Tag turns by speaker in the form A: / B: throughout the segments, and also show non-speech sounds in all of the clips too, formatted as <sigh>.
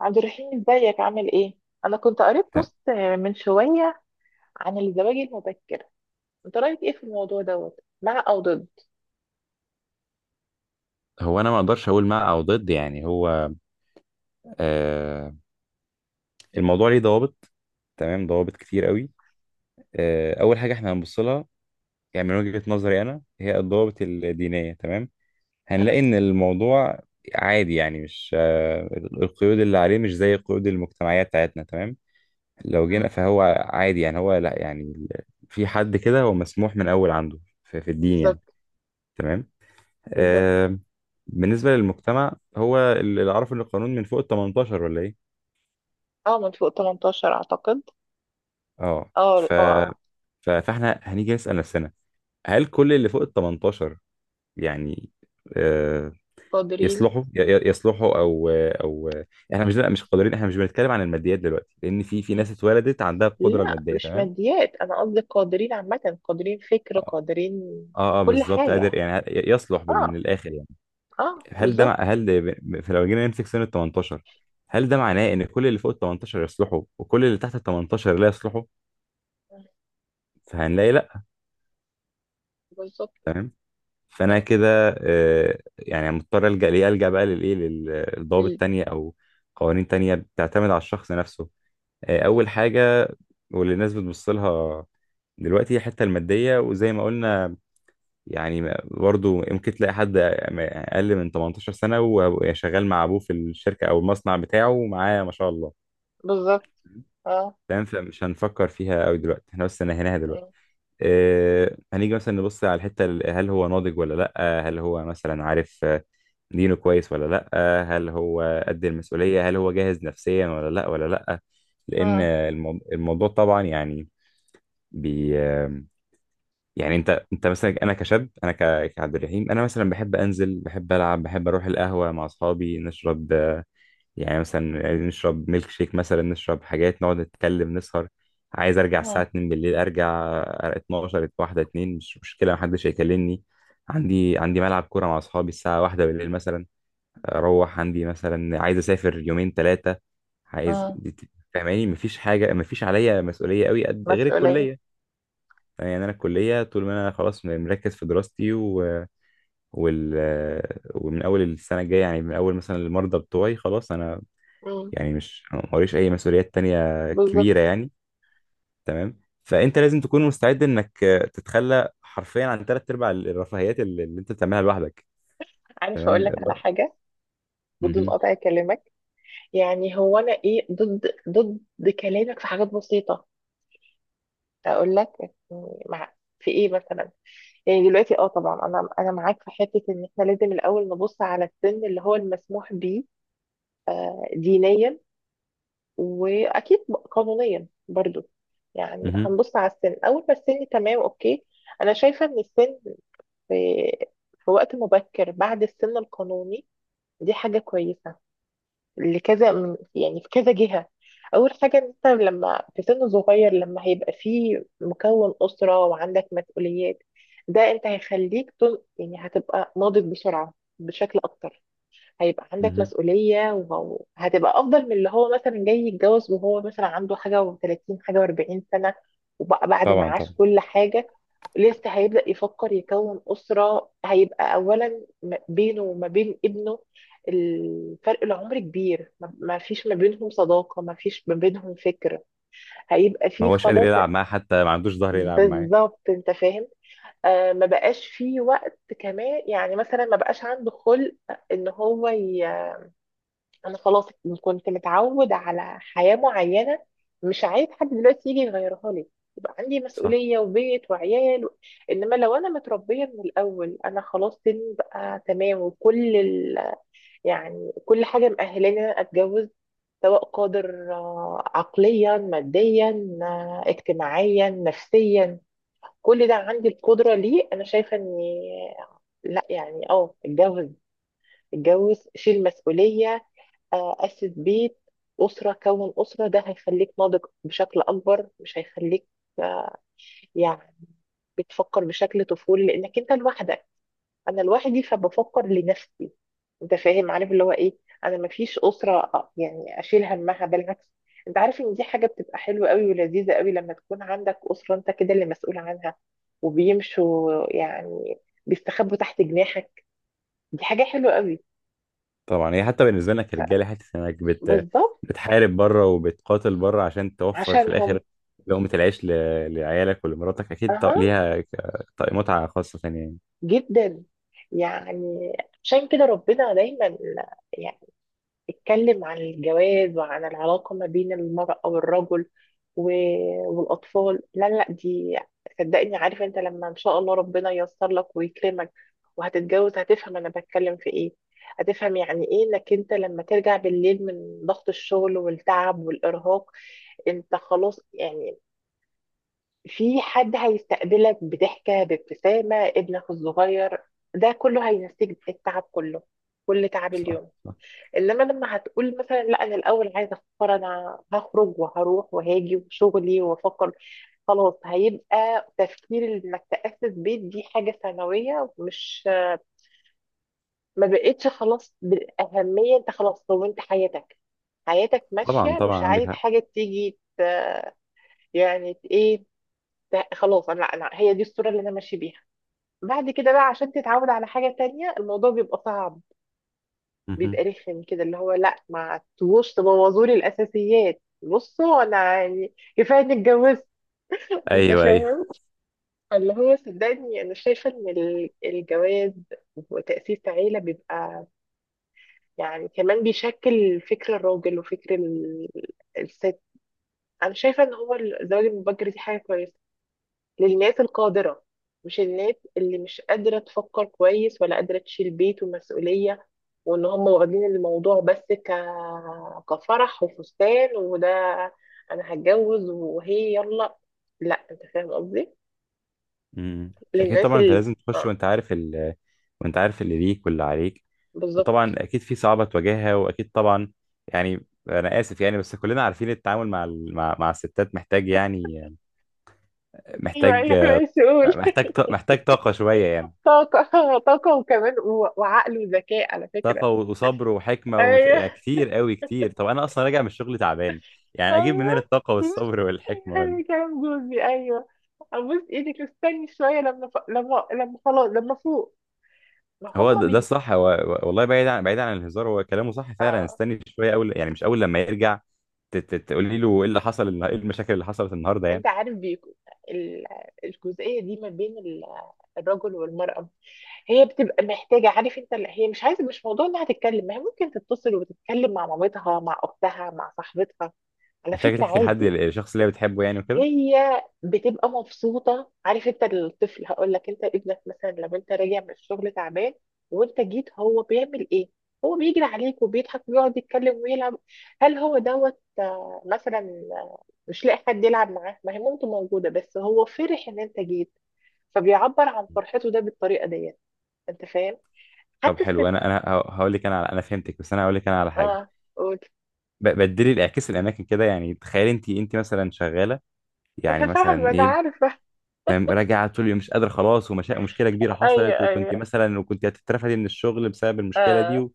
A: عبد الرحيم، ازيك؟ عامل ايه؟ انا كنت قريت بوست من شوية عن الزواج المبكر. انت رأيك ايه في الموضوع دوت؟ مع او ضد؟
B: هو انا ما اقدرش اقول مع او ضد، يعني هو آه الموضوع ليه ضوابط، تمام، ضوابط كتير قوي. اول حاجه احنا هنبص لها، يعني من وجهه نظري انا، هي الضوابط الدينيه. تمام،
A: اه.
B: هنلاقي ان الموضوع عادي، يعني مش، القيود اللي عليه مش زي قيود المجتمعيه بتاعتنا. تمام، لو
A: مم.
B: جينا فهو عادي يعني، هو لا، يعني في حد كده هو مسموح من اول عنده في الدين يعني.
A: بالظبط.
B: تمام.
A: بالظبط.
B: آه بالنسبه للمجتمع، هو اللي عارف ان القانون من فوق ال 18 ولا ايه.
A: اه، من فوق 18 اعتقد.
B: اه،
A: اه اه.
B: فاحنا هنيجي نسأل نفسنا، هل كل اللي فوق ال 18 يعني آه
A: قادرين.
B: يصلحوا، يصلحوا او؟ احنا مش، لا مش قادرين، احنا مش بنتكلم عن الماديات دلوقتي، لان في
A: مم.
B: ناس اتولدت عندها القدرة
A: لا،
B: المادية.
A: مش
B: تمام.
A: ماديات، انا قصدي قادرين عامة، قادرين فكر،
B: اه،
A: قادرين
B: اه، آه،
A: كل
B: بالظبط،
A: حاجة.
B: قادر يعني يصلح، من
A: اه
B: الاخر يعني.
A: اه،
B: هل ده مع...
A: بالظبط.
B: هل ده ب- فلو جينا نمسك سن ال 18، هل ده معناه ان كل اللي فوق ال 18 يصلحوا، وكل اللي تحت ال 18 لا يصلحوا؟
A: مم.
B: فهنلاقي لا.
A: بالظبط.
B: تمام، فانا
A: اه.
B: كده يعني مضطر الجا ليه، الجا بقى للايه، للضوابط
A: بال-.
B: تانية او قوانين تانية بتعتمد على الشخص نفسه. اول
A: مم.
B: حاجه واللي الناس بتبص لها دلوقتي هي الحته الماديه، وزي ما قلنا يعني، برضو يمكن تلاقي حد اقل من 18 سنه وشغال مع ابوه في الشركه او المصنع بتاعه، ومعاه ما شاء الله.
A: بالظبط. اه.
B: تمام، فمش هنفكر فيها قوي دلوقتي، احنا بس نهيناها دلوقتي.
A: مم.
B: هنيجي مثلا نبص على الحتة، هل هو ناضج ولا لأ، هل هو مثلا عارف دينه كويس ولا لأ، هل هو قد المسؤولية، هل هو جاهز نفسيا ولا لأ ولا لأ. لأن
A: اه
B: الموضوع طبعا يعني، بي آه، يعني انت مثلا، انا كشاب، انا كعبد الرحيم، انا مثلا بحب انزل، بحب العب، بحب اروح القهوه مع اصحابي، نشرب يعني، مثلا عايزين نشرب ميلك شيك مثلا، نشرب حاجات، نقعد نتكلم، نسهر. عايز ارجع الساعة
A: اه
B: 2 بالليل ارجع، 12، واحدة، 2، مش مشكلة، محدش هيكلمني. عندي ملعب كورة مع اصحابي الساعة واحدة بالليل مثلا اروح، عندي مثلا عايز اسافر يومين ثلاثة، عايز.
A: اه.
B: فاهماني، مفيش حاجة، مفيش عليا مسؤولية قوي قد غير
A: مسؤولية.
B: الكلية، يعني انا الكلية طول ما انا خلاص مركز في دراستي وال... ومن اول السنة الجاية يعني، من اول مثلا المرضى بتوعي خلاص، انا يعني مش، موريش اي مسؤوليات تانية
A: بالظبط.
B: كبيرة يعني. تمام، فانت لازم تكون مستعد انك تتخلى حرفيا عن ثلاث ارباع الرفاهيات اللي انت بتعملها لوحدك.
A: عارف اقول
B: تمام.
A: لك على حاجه؟ بدون
B: مهم.
A: قطع كلامك، يعني هو انا ايه؟ ضد كلامك في حاجات بسيطه، اقول لك يعني، مع. في ايه مثلا؟ يعني دلوقتي اه، طبعا انا معاك في حته ان احنا لازم الاول نبص على السن اللي هو المسموح بيه دينيا، واكيد قانونيا برضو. يعني
B: مهم.
A: هنبص على السن، اول ما السن تمام اوكي. انا شايفه ان السن في في وقت مبكر بعد السن القانوني دي حاجه كويسه لكذا من، يعني في كذا جهة. أول حاجة إن أنت لما في سن صغير، لما هيبقى فيه مكون أسرة وعندك مسؤوليات، ده أنت هيخليك تن... يعني هتبقى ناضج بسرعة بشكل أكتر. هيبقى عندك
B: مهم.
A: مسؤولية، وهتبقى أفضل من اللي هو مثلا جاي يتجوز وهو مثلا عنده حاجة و30 حاجة و40 سنة وبعد ما
B: طبعا
A: عاش
B: طبعا،
A: كل حاجة. لسه هيبدأ يفكر يكون أسرة، هيبقى أولا م- بينه وما بين ابنه الفرق العمر كبير، ما فيش ما بينهم صداقة، ما فيش ما بينهم فكر. هيبقى
B: ما
A: فيه
B: هوش قادر
A: خلاص.
B: يلعب معاه، حتى ما عندوش ظهر يلعب معاه.
A: بالظبط، انت فاهم. آه، ما بقاش فيه وقت كمان، يعني مثلا ما بقاش عنده خلق ان هو ي... انا خلاص كنت متعود على حياة معينة، مش عايز حد دلوقتي يجي يغيرها لي، يبقى عندي
B: صح.
A: مسؤولية وبيت وعيال و... انما لو انا متربية من الاول، انا خلاص سني بقى تمام وكل ال... يعني كل حاجة مأهلاني إن أنا اتجوز، سواء قادر عقليا ماديا، اجتماعيا نفسيا، كل ده عندي القدرة ليه. انا شايفة اني لا، يعني اه اتجوز، اتجوز شيل مسؤولية، اسس بيت، اسره، كون اسره، ده هيخليك ناضج بشكل اكبر، مش هيخليك آه، يعني بتفكر بشكل طفولي لانك انت لوحدك. انا لوحدي فبفكر لنفسي، انت فاهم؟ عارف اللي هو ايه؟ انا مفيش اسره يعني اشيل همها. بالعكس، انت عارف ان دي حاجه بتبقى حلوه قوي ولذيذه قوي لما تكون عندك اسره انت كده اللي مسؤول عنها، وبيمشوا يعني، بيستخبوا تحت جناحك. دي حاجه حلوه قوي.
B: طبعا، هي حتى بالنسبة لنا كرجالة، حتة انك
A: بالظبط،
B: بتحارب بره وبتقاتل بره عشان توفر في
A: عشانهم.
B: الاخر لقمة العيش، لعيالك ولمراتك، اكيد
A: اها،
B: ليها متعة خاصة ثانية يعني.
A: جدا يعني. عشان كده ربنا دايما يعني اتكلم عن الجواز وعن العلاقة ما بين المرأة والرجل و- والأطفال. لا دي، صدقني، عارف انت لما ان شاء الله ربنا ييسر لك ويكرمك وهتتجوز، هتفهم انا بتكلم في ايه. هتفهم يعني ايه انك انت لما ترجع بالليل من ضغط الشغل والتعب والارهاق، انت خلاص يعني، في حد هيستقبلك بضحكة، بابتسامة ابنك الصغير، ده كله هينسيك التعب كله، كل تعب
B: صح.
A: اليوم.
B: صح.
A: انما لما هتقول مثلا لا، انا الاول عايزه افكر، انا هخرج وهروح وهاجي وشغلي وافكر، خلاص هيبقى تفكير انك تاسس بيت دي حاجه ثانويه، مش، ما بقتش خلاص بالاهميه. انت خلاص كونت حياتك، حياتك
B: طبعا
A: ماشيه، مش
B: طبعا عندك
A: عايز
B: حق.
A: حاجه تيجي ت-، يعني ت- ايه، ت- خلاص، انا هي دي الصوره اللي انا ماشي بيها. بعد كده بقى عشان تتعود على حاجة تانية، الموضوع بيبقى صعب، بيبقى
B: مهم.
A: رخم كده، اللي هو لا، ما تبوظ، تبوظولي الأساسيات. بصوا أنا يعني كفاية إني اتجوزت، أنت
B: ايوه ايوه.
A: فاهم؟ اللي هو صدقني، أنا شايفة إن ال- الجواز وتأسيس عيلة بيبقى، يعني كمان بيشكل فكر الراجل وفكر ال- الست. أنا شايفة إن هو الزواج المبكر دي حاجة كويسة للناس القادرة، مش الناس اللي مش قادرة تفكر كويس ولا قادرة تشيل بيت ومسؤولية، وان هم واخدين الموضوع بس ك... كفرح وفستان وده، انا هتجوز وهي يلا. لا، انت فاهم قصدي،
B: امم اكيد
A: للناس
B: طبعا انت
A: اللي،
B: لازم تخش
A: اه،
B: وانت عارف، وانت عارف اللي ليك واللي عليك، وطبعا
A: بالظبط.
B: اكيد في صعوبة تواجهها، واكيد طبعا يعني، انا اسف يعني، بس كلنا عارفين التعامل مع، مع الستات محتاج يعني،
A: ايوه
B: محتاج
A: ايوه مسؤول.
B: محتاج محتاج طاقة شوية يعني.
A: طاقة، طاقة وكمان و... وعقل وذكاء على فكرة.
B: طاقة وصبر وحكمة، ومش
A: ايوه
B: يعني كتير قوي كتير. طب انا اصلا راجع من الشغل تعبان، يعني اجيب
A: ايوه
B: منين الطاقة والصبر والحكمة؟
A: يعني كلام جوزي ايوه، ابوس ايدك استني شويه لما ف... لما خلاص لما فوق، ما
B: هو
A: هم
B: ده
A: بيبقوا.
B: الصح، والله بعيد عن، الهزار، هو كلامه صح فعلا،
A: آه.
B: استني شويه اول، يعني مش اول لما يرجع، تقولي له ايه اللي حصل، ايه المشاكل اللي حصلت النهارده
A: انت
B: يعني.
A: عارف بيكو، ال... الجزئيه دي ما بين ال... الرجل والمراه، هي بتبقى محتاجه، عارف انت ال-، هي مش عايزه، مش موضوع انها تتكلم، ما هي ممكن تتصل وتتكلم مع مامتها، مع اختها، مع صاحبتها، على
B: محتاج
A: فكره
B: تحكي لحد،
A: عادي.
B: الشخص اللي هي بتحبه يعني، وكده.
A: هي بتبقى مبسوطة. عارف انت الطفل، هقول لك، انت ابنك مثلا لما انت راجع من الشغل تعبان وانت جيت، هو بيعمل ايه؟ هو بيجري عليك وبيضحك ويقعد يتكلم ويلعب. هل هو دوت مثلا مش لاقي حد يلعب معاه؟ ما هي مامته موجودة، بس هو فرح ان انت جيت، فبيعبر عن فرحته ده بالطريقة ديت. انت فاهم؟
B: طب
A: حتى
B: حلو.
A: الست،
B: انا هقول لك انا على، انا فهمتك، بس انا هقول لك انا على حاجه.
A: اه قول.
B: بدلي الاعكاس الاماكن كده، يعني تخيل انت مثلا شغاله، يعني
A: انا فاهمة،
B: مثلا
A: انا
B: ايه،
A: عارفة.
B: يعني راجع طول اليوم، مش قادر خلاص، ومشكلة كبيرة
A: ايوه
B: حصلت، وكنت
A: ايوه
B: مثلا، وكنت هتترفدي من الشغل بسبب المشكلة دي،
A: اه.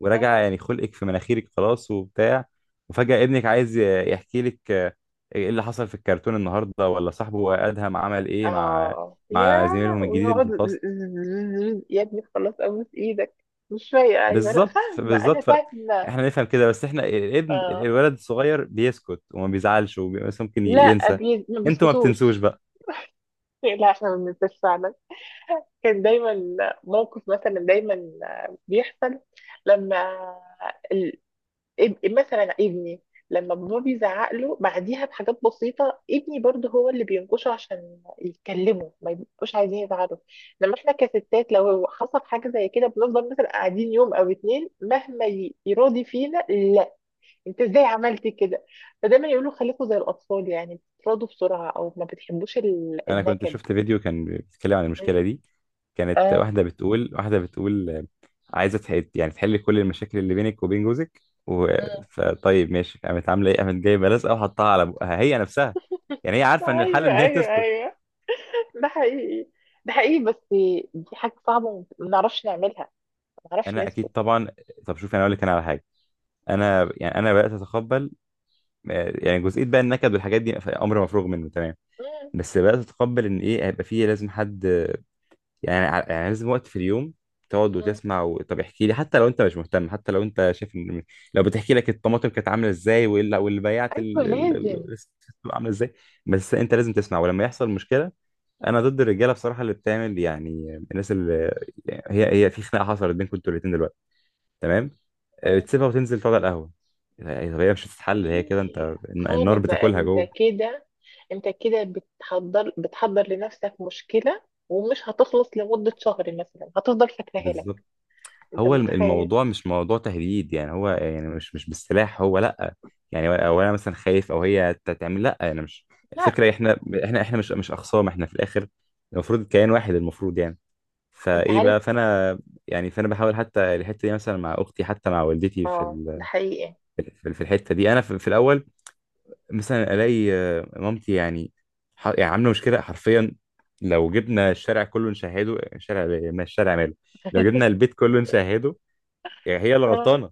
B: وراجع
A: اه.
B: يعني خلقك في مناخيرك خلاص وبتاع، وفجأة ابنك عايز يحكي لك ايه اللي حصل في الكرتون النهارده، ولا صاحبه ادهم عمل ايه مع،
A: اه، ياه
B: زميلهم الجديد اللي
A: ويقعد.
B: في الفصل.
A: <laughs> يا ابني خلاص ابوس ايدك، مش شويه، ايوه لا
B: بالظبط. ف-
A: فاهمه، انا
B: بالظبط ف
A: فاهمه.
B: احنا نفهم كده، بس احنا، الابن
A: آه.
B: الولد الصغير بيسكت، وما بيزعلش، بس ممكن
A: لا
B: ينسى،
A: بي...، ما
B: انتوا ما بتنسوش
A: بيسكتوش.
B: بقى.
A: لا، احنا ما بننساش فعلا، كان دايما موقف مثلا دايما بيحصل، لما إب- مثلا ابني لما بابا بيزعق له بعديها بحاجات بسيطة، ابني برضه هو اللي بينكشه عشان يتكلموا ما يبقوش عايزين يزعلوا. لما احنا كستات لو حصل حاجة زي كده، بنفضل مثلا قاعدين يوم او اتنين مهما ي- يراضي فينا لا، انت ازاي عملتي كده. فدايما يقولوا خليكوا زي الاطفال، يعني بتراضوا بسرعة، او ما بتحبوش ال-
B: انا كنت
A: النكد.
B: شفت فيديو كان بيتكلم عن المشكله
A: مم.
B: دي، كانت
A: اه.
B: واحده بتقول، عايزه تحل، يعني تحل كل المشاكل اللي بينك وبين جوزك، و...
A: مم.
B: فطيب ماشي، قامت عامله ايه، قامت جايبه لزقه وحطها على بقها هي نفسها، يعني هي عارفه ان الحل
A: ايوه
B: ان هي
A: ايوه
B: تسكت.
A: ايوه ده حقيقي، ده حقيقي، بس دي حاجة صعبة وما نعرفش نعملها، معرفش
B: انا
A: نسكت.
B: اكيد طبعا. طب شوف، انا اقول لك انا على حاجه، انا يعني انا بدات اتقبل يعني جزئيه بقى، النكد والحاجات دي امر مفروغ منه تمام،
A: مم.
B: بس بدات اتقبل ان ايه، هيبقى فيه لازم حد، يعني يعني لازم وقت في اليوم تقعد
A: مم.
B: وتسمع، طب احكي لي، حتى لو انت مش مهتم، حتى لو انت شايف ان، لو بتحكي لك الطماطم كانت عامله ازاي، واللي بيعت
A: ايوه، لازم.
B: الست عامله ازاي، بس انت لازم تسمع. ولما يحصل مشكله، انا ضد الرجاله بصراحه اللي بتعمل يعني، الناس اللي، يعني هي في خناقه حصلت بينكم انتوا الاثنين دلوقتي، تمام،
A: مم.
B: تسيبها وتنزل تقعد على القهوه، يعني طب هي مش هتتحل، هي كده
A: ايه،
B: انت النار
A: خالص، ده
B: بتاكلها
A: انت
B: جوه.
A: كده، انت كده بتحضر، لنفسك مشكلة ومش هتخلص لمدة شهر مثلا، هتفضل فاكراها لك.
B: بالظبط.
A: انت
B: هو
A: متخيل؟
B: الموضوع مش موضوع تهديد يعني، هو يعني مش بالسلاح، هو لا، يعني او انا مثلا خايف، او هي تعمل، لا انا مش،
A: لا.
B: الفكره احنا، مش، اخصام، احنا في الاخر المفروض كيان واحد المفروض يعني.
A: انت
B: فايه
A: عارف.
B: بقى فانا، يعني فانا بحاول، حتى الحته دي مثلا مع اختي، حتى مع والدتي في
A: اه، ده حقيقي.
B: في الحته دي، انا في الاول مثلا الاقي مامتي يعني يعني عامله مشكله حرفيا، لو جبنا الشارع كله نشهده، الشارع، ما الشارع ماله، لو جبنا
A: <laughs>
B: البيت كله نشهده، يعني هي اللي
A: اه.
B: غلطانه.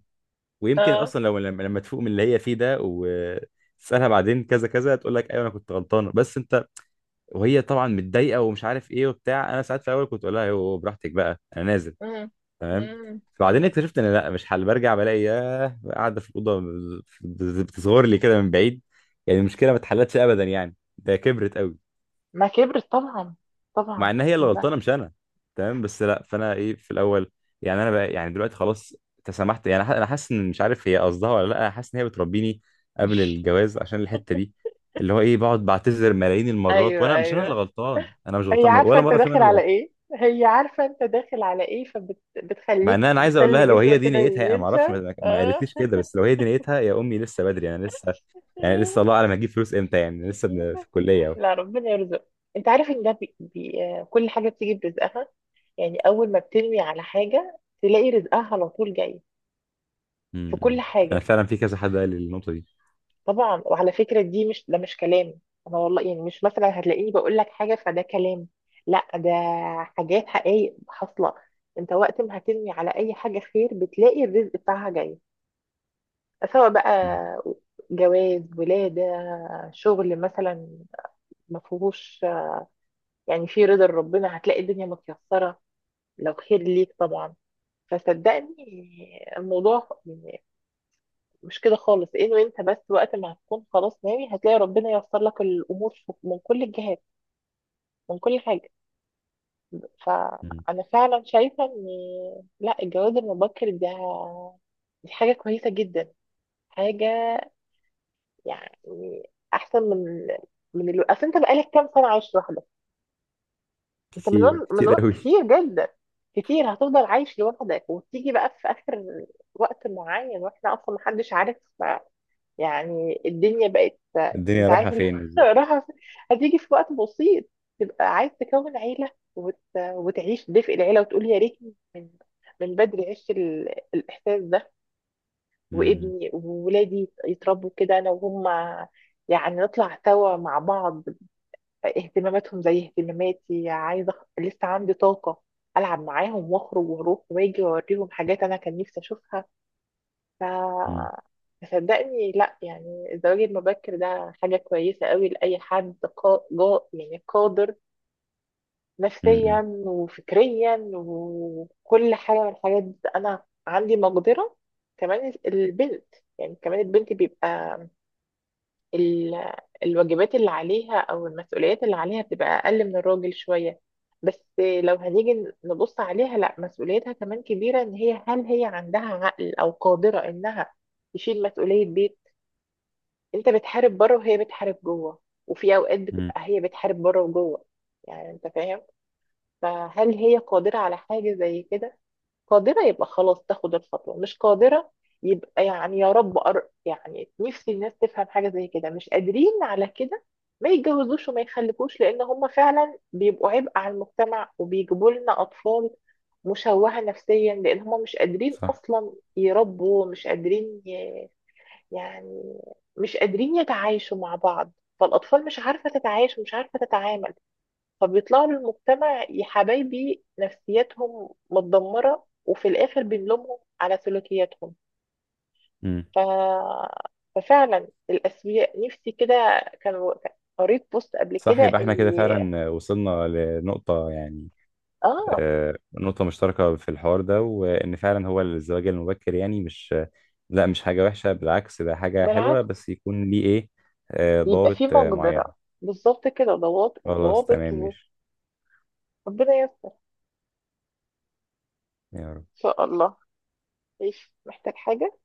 B: ويمكن
A: اه.
B: اصلا لو لما، تفوق من اللي هي فيه ده وتسالها بعدين كذا كذا، تقول لك ايوه انا كنت غلطانه بس انت، وهي طبعا متضايقه ومش عارف ايه وبتاع، انا ساعات في الاول كنت اقول لها ايوه براحتك بقى انا نازل.
A: مم.
B: تمام.
A: مم.
B: بعدين
A: مم.
B: اكتشفت ان لا مش حل، برجع بلاقي ياه قاعده في الاوضه بتصغر لي كده من بعيد، يعني المشكله ما اتحلتش ابدا، يعني ده كبرت قوي،
A: ما كبرت طبعا،
B: مع
A: طبعا.
B: ان هي اللي غلطانه
A: لا.
B: مش انا. تمام، بس لا، فانا ايه في الاول، يعني انا بقى، يعني دلوقتي خلاص تسامحت، يعني انا حاسس ان، مش عارف هي قصدها ولا لا، انا حاسس ان هي بتربيني قبل الجواز عشان الحته دي، اللي هو ايه، بقعد بعتذر ملايين المرات،
A: ايوه
B: وانا مش انا اللي
A: ايوه
B: غلطان، انا مش
A: هي
B: غلطان
A: عارفة
B: ولا
A: انت
B: مره فيهم
A: داخل
B: انا اللي
A: على
B: غلطان.
A: ايه، هي عارفة انت داخل على ايه،
B: مع ان
A: فبتخليك،
B: انا عايز اقول
A: بتخلي
B: لها لو هي
A: جسمك
B: دي
A: كده
B: نيتها، انا ما اعرفش،
A: ينشف.
B: ما
A: <laughs>
B: ما
A: آه.
B: قالتليش كده، بس لو هي دي نيتها يا امي، لسه بدري، انا لسه يعني لسه، الله اعلم هجيب فلوس امتى، يعني لسه في الكليه أهو.
A: لا، ربنا يرزق. انت عارف ان ده بي... بي... كل حاجة بتيجي برزقها، يعني اول ما بترمي على حاجة تلاقي رزقها على طول جاي،
B: م.
A: في كل
B: م. انا
A: حاجة.
B: فعلا في كذا حد قال لي النقطه دي.
A: طبعا، وعلى فكرة دي مش، ده مش كلام، انا والله يعني مش مثلا هتلاقيني بقول لك حاجة فده كلام، لا ده حاجات حقايق حاصلة. انت وقت ما هترمي على اي حاجة خير بتلاقي الرزق بتاعها جاي، سواء بقى
B: م.
A: جواز، ولادة، شغل مثلا، ما فيهوش، يعني في رضا ربنا هتلاقي الدنيا متيسرة، لو خير ليك طبعا. فصدقني الموضوع مش كده خالص، انه انت بس وقت ما هتكون خلاص ناوي هتلاقي ربنا ييسر لك الامور في- من كل الجهات، من كل حاجه.
B: م.
A: فانا فعلا شايفه ان لا، الجواز المبكر ده دي حاجه كويسه جدا، حاجه يعني احسن من من الو... اصل انت بقالك كام سنه عايش لوحدك، انت من
B: كتير
A: وقت-، من
B: كتير
A: وقت
B: قوي.
A: كتير جدا، كتير هتفضل عايش لوحدك وتيجي بقى في اخر وقت معين، واحنا اصلا محدش عارف يعني الدنيا بقت،
B: الدنيا
A: انت
B: رايحة
A: عارف اللي
B: فين بالظبط؟
A: راح. <laughs> هتيجي في وقت بسيط تبقى عايز تكون عيلة، وت...، وتعيش دفء العيلة، وتقول يا ريتني من من بدري عشت ال... الإحساس ده،
B: مم.
A: وابني وولادي يتربوا كده أنا وهم، يعني نطلع سوا مع بعض، اهتماماتهم زي اهتماماتي، عايزه أخ-، لسه عندي طاقه العب معاهم، واخرج واروح واجي واوريهم حاجات انا كان نفسي اشوفها. ف،
B: مم.
A: صدقني لا، يعني الزواج المبكر ده حاجه كويسه قوي لاي حد قا... جا... يعني قادر نفسيا
B: مم.
A: وفكريا وكل حاجه من الحاجات دي. انا عندي مقدره. كمان البنت، يعني كمان البنت بيبقى ال- الواجبات اللي عليها او المسؤوليات اللي عليها بتبقى اقل من الراجل شوية، بس لو هنيجي نبص عليها لا، مسؤوليتها كمان كبيرة. ان هي، هل هي عندها عقل او قادرة انها تشيل مسؤولية بيت؟ انت بتحارب بره وهي بتحارب جوه، وفي اوقات
B: مم.
A: بتبقى هي بتحارب بره وجوه، يعني انت فاهم. فهل هي قادرة على حاجة زي كده؟ قادرة يبقى خلاص تاخد الخطوة، مش قادرة يبقى، يعني يا رب أر...، يعني نفسي الناس تفهم حاجة زي كده، مش قادرين على كده ما يتجوزوش وما يخلفوش، لأن هم فعلا بيبقوا عبء على المجتمع، وبيجيبوا لنا أطفال مشوهة نفسيا لأن هم مش قادرين
B: صح.
A: أصلا يربوا، مش قادرين ي... يعني مش قادرين يتعايشوا مع بعض، فالأطفال مش عارفة تتعايش ومش عارفة تتعامل، فبيطلعوا للمجتمع يا حبايبي نفسياتهم متدمرة، وفي الآخر بنلومهم على سلوكياتهم.
B: مم.
A: ف... ففعلا الأسوياء، نفسي كده كان، قريت بوست قبل
B: صح،
A: كده
B: يبقى احنا
A: إن،
B: كده فعلا وصلنا لنقطة يعني
A: آه،
B: نقطة مشتركة في الحوار ده، وإن فعلا هو الزواج المبكر يعني مش، لا مش حاجة وحشة، بالعكس ده حاجة حلوة،
A: بالعكس،
B: بس يكون ليه إيه،
A: يبقى
B: ضوابط
A: في مقدرة،
B: معينة.
A: بالظبط كده، ضوابط،
B: خلاص،
A: ضوابط،
B: تمام ماشي.
A: وربنا يستر،
B: يا رب.
A: إن شاء الله. إيش، محتاج حاجة؟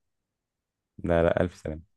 B: لا لا، ألف سلامة.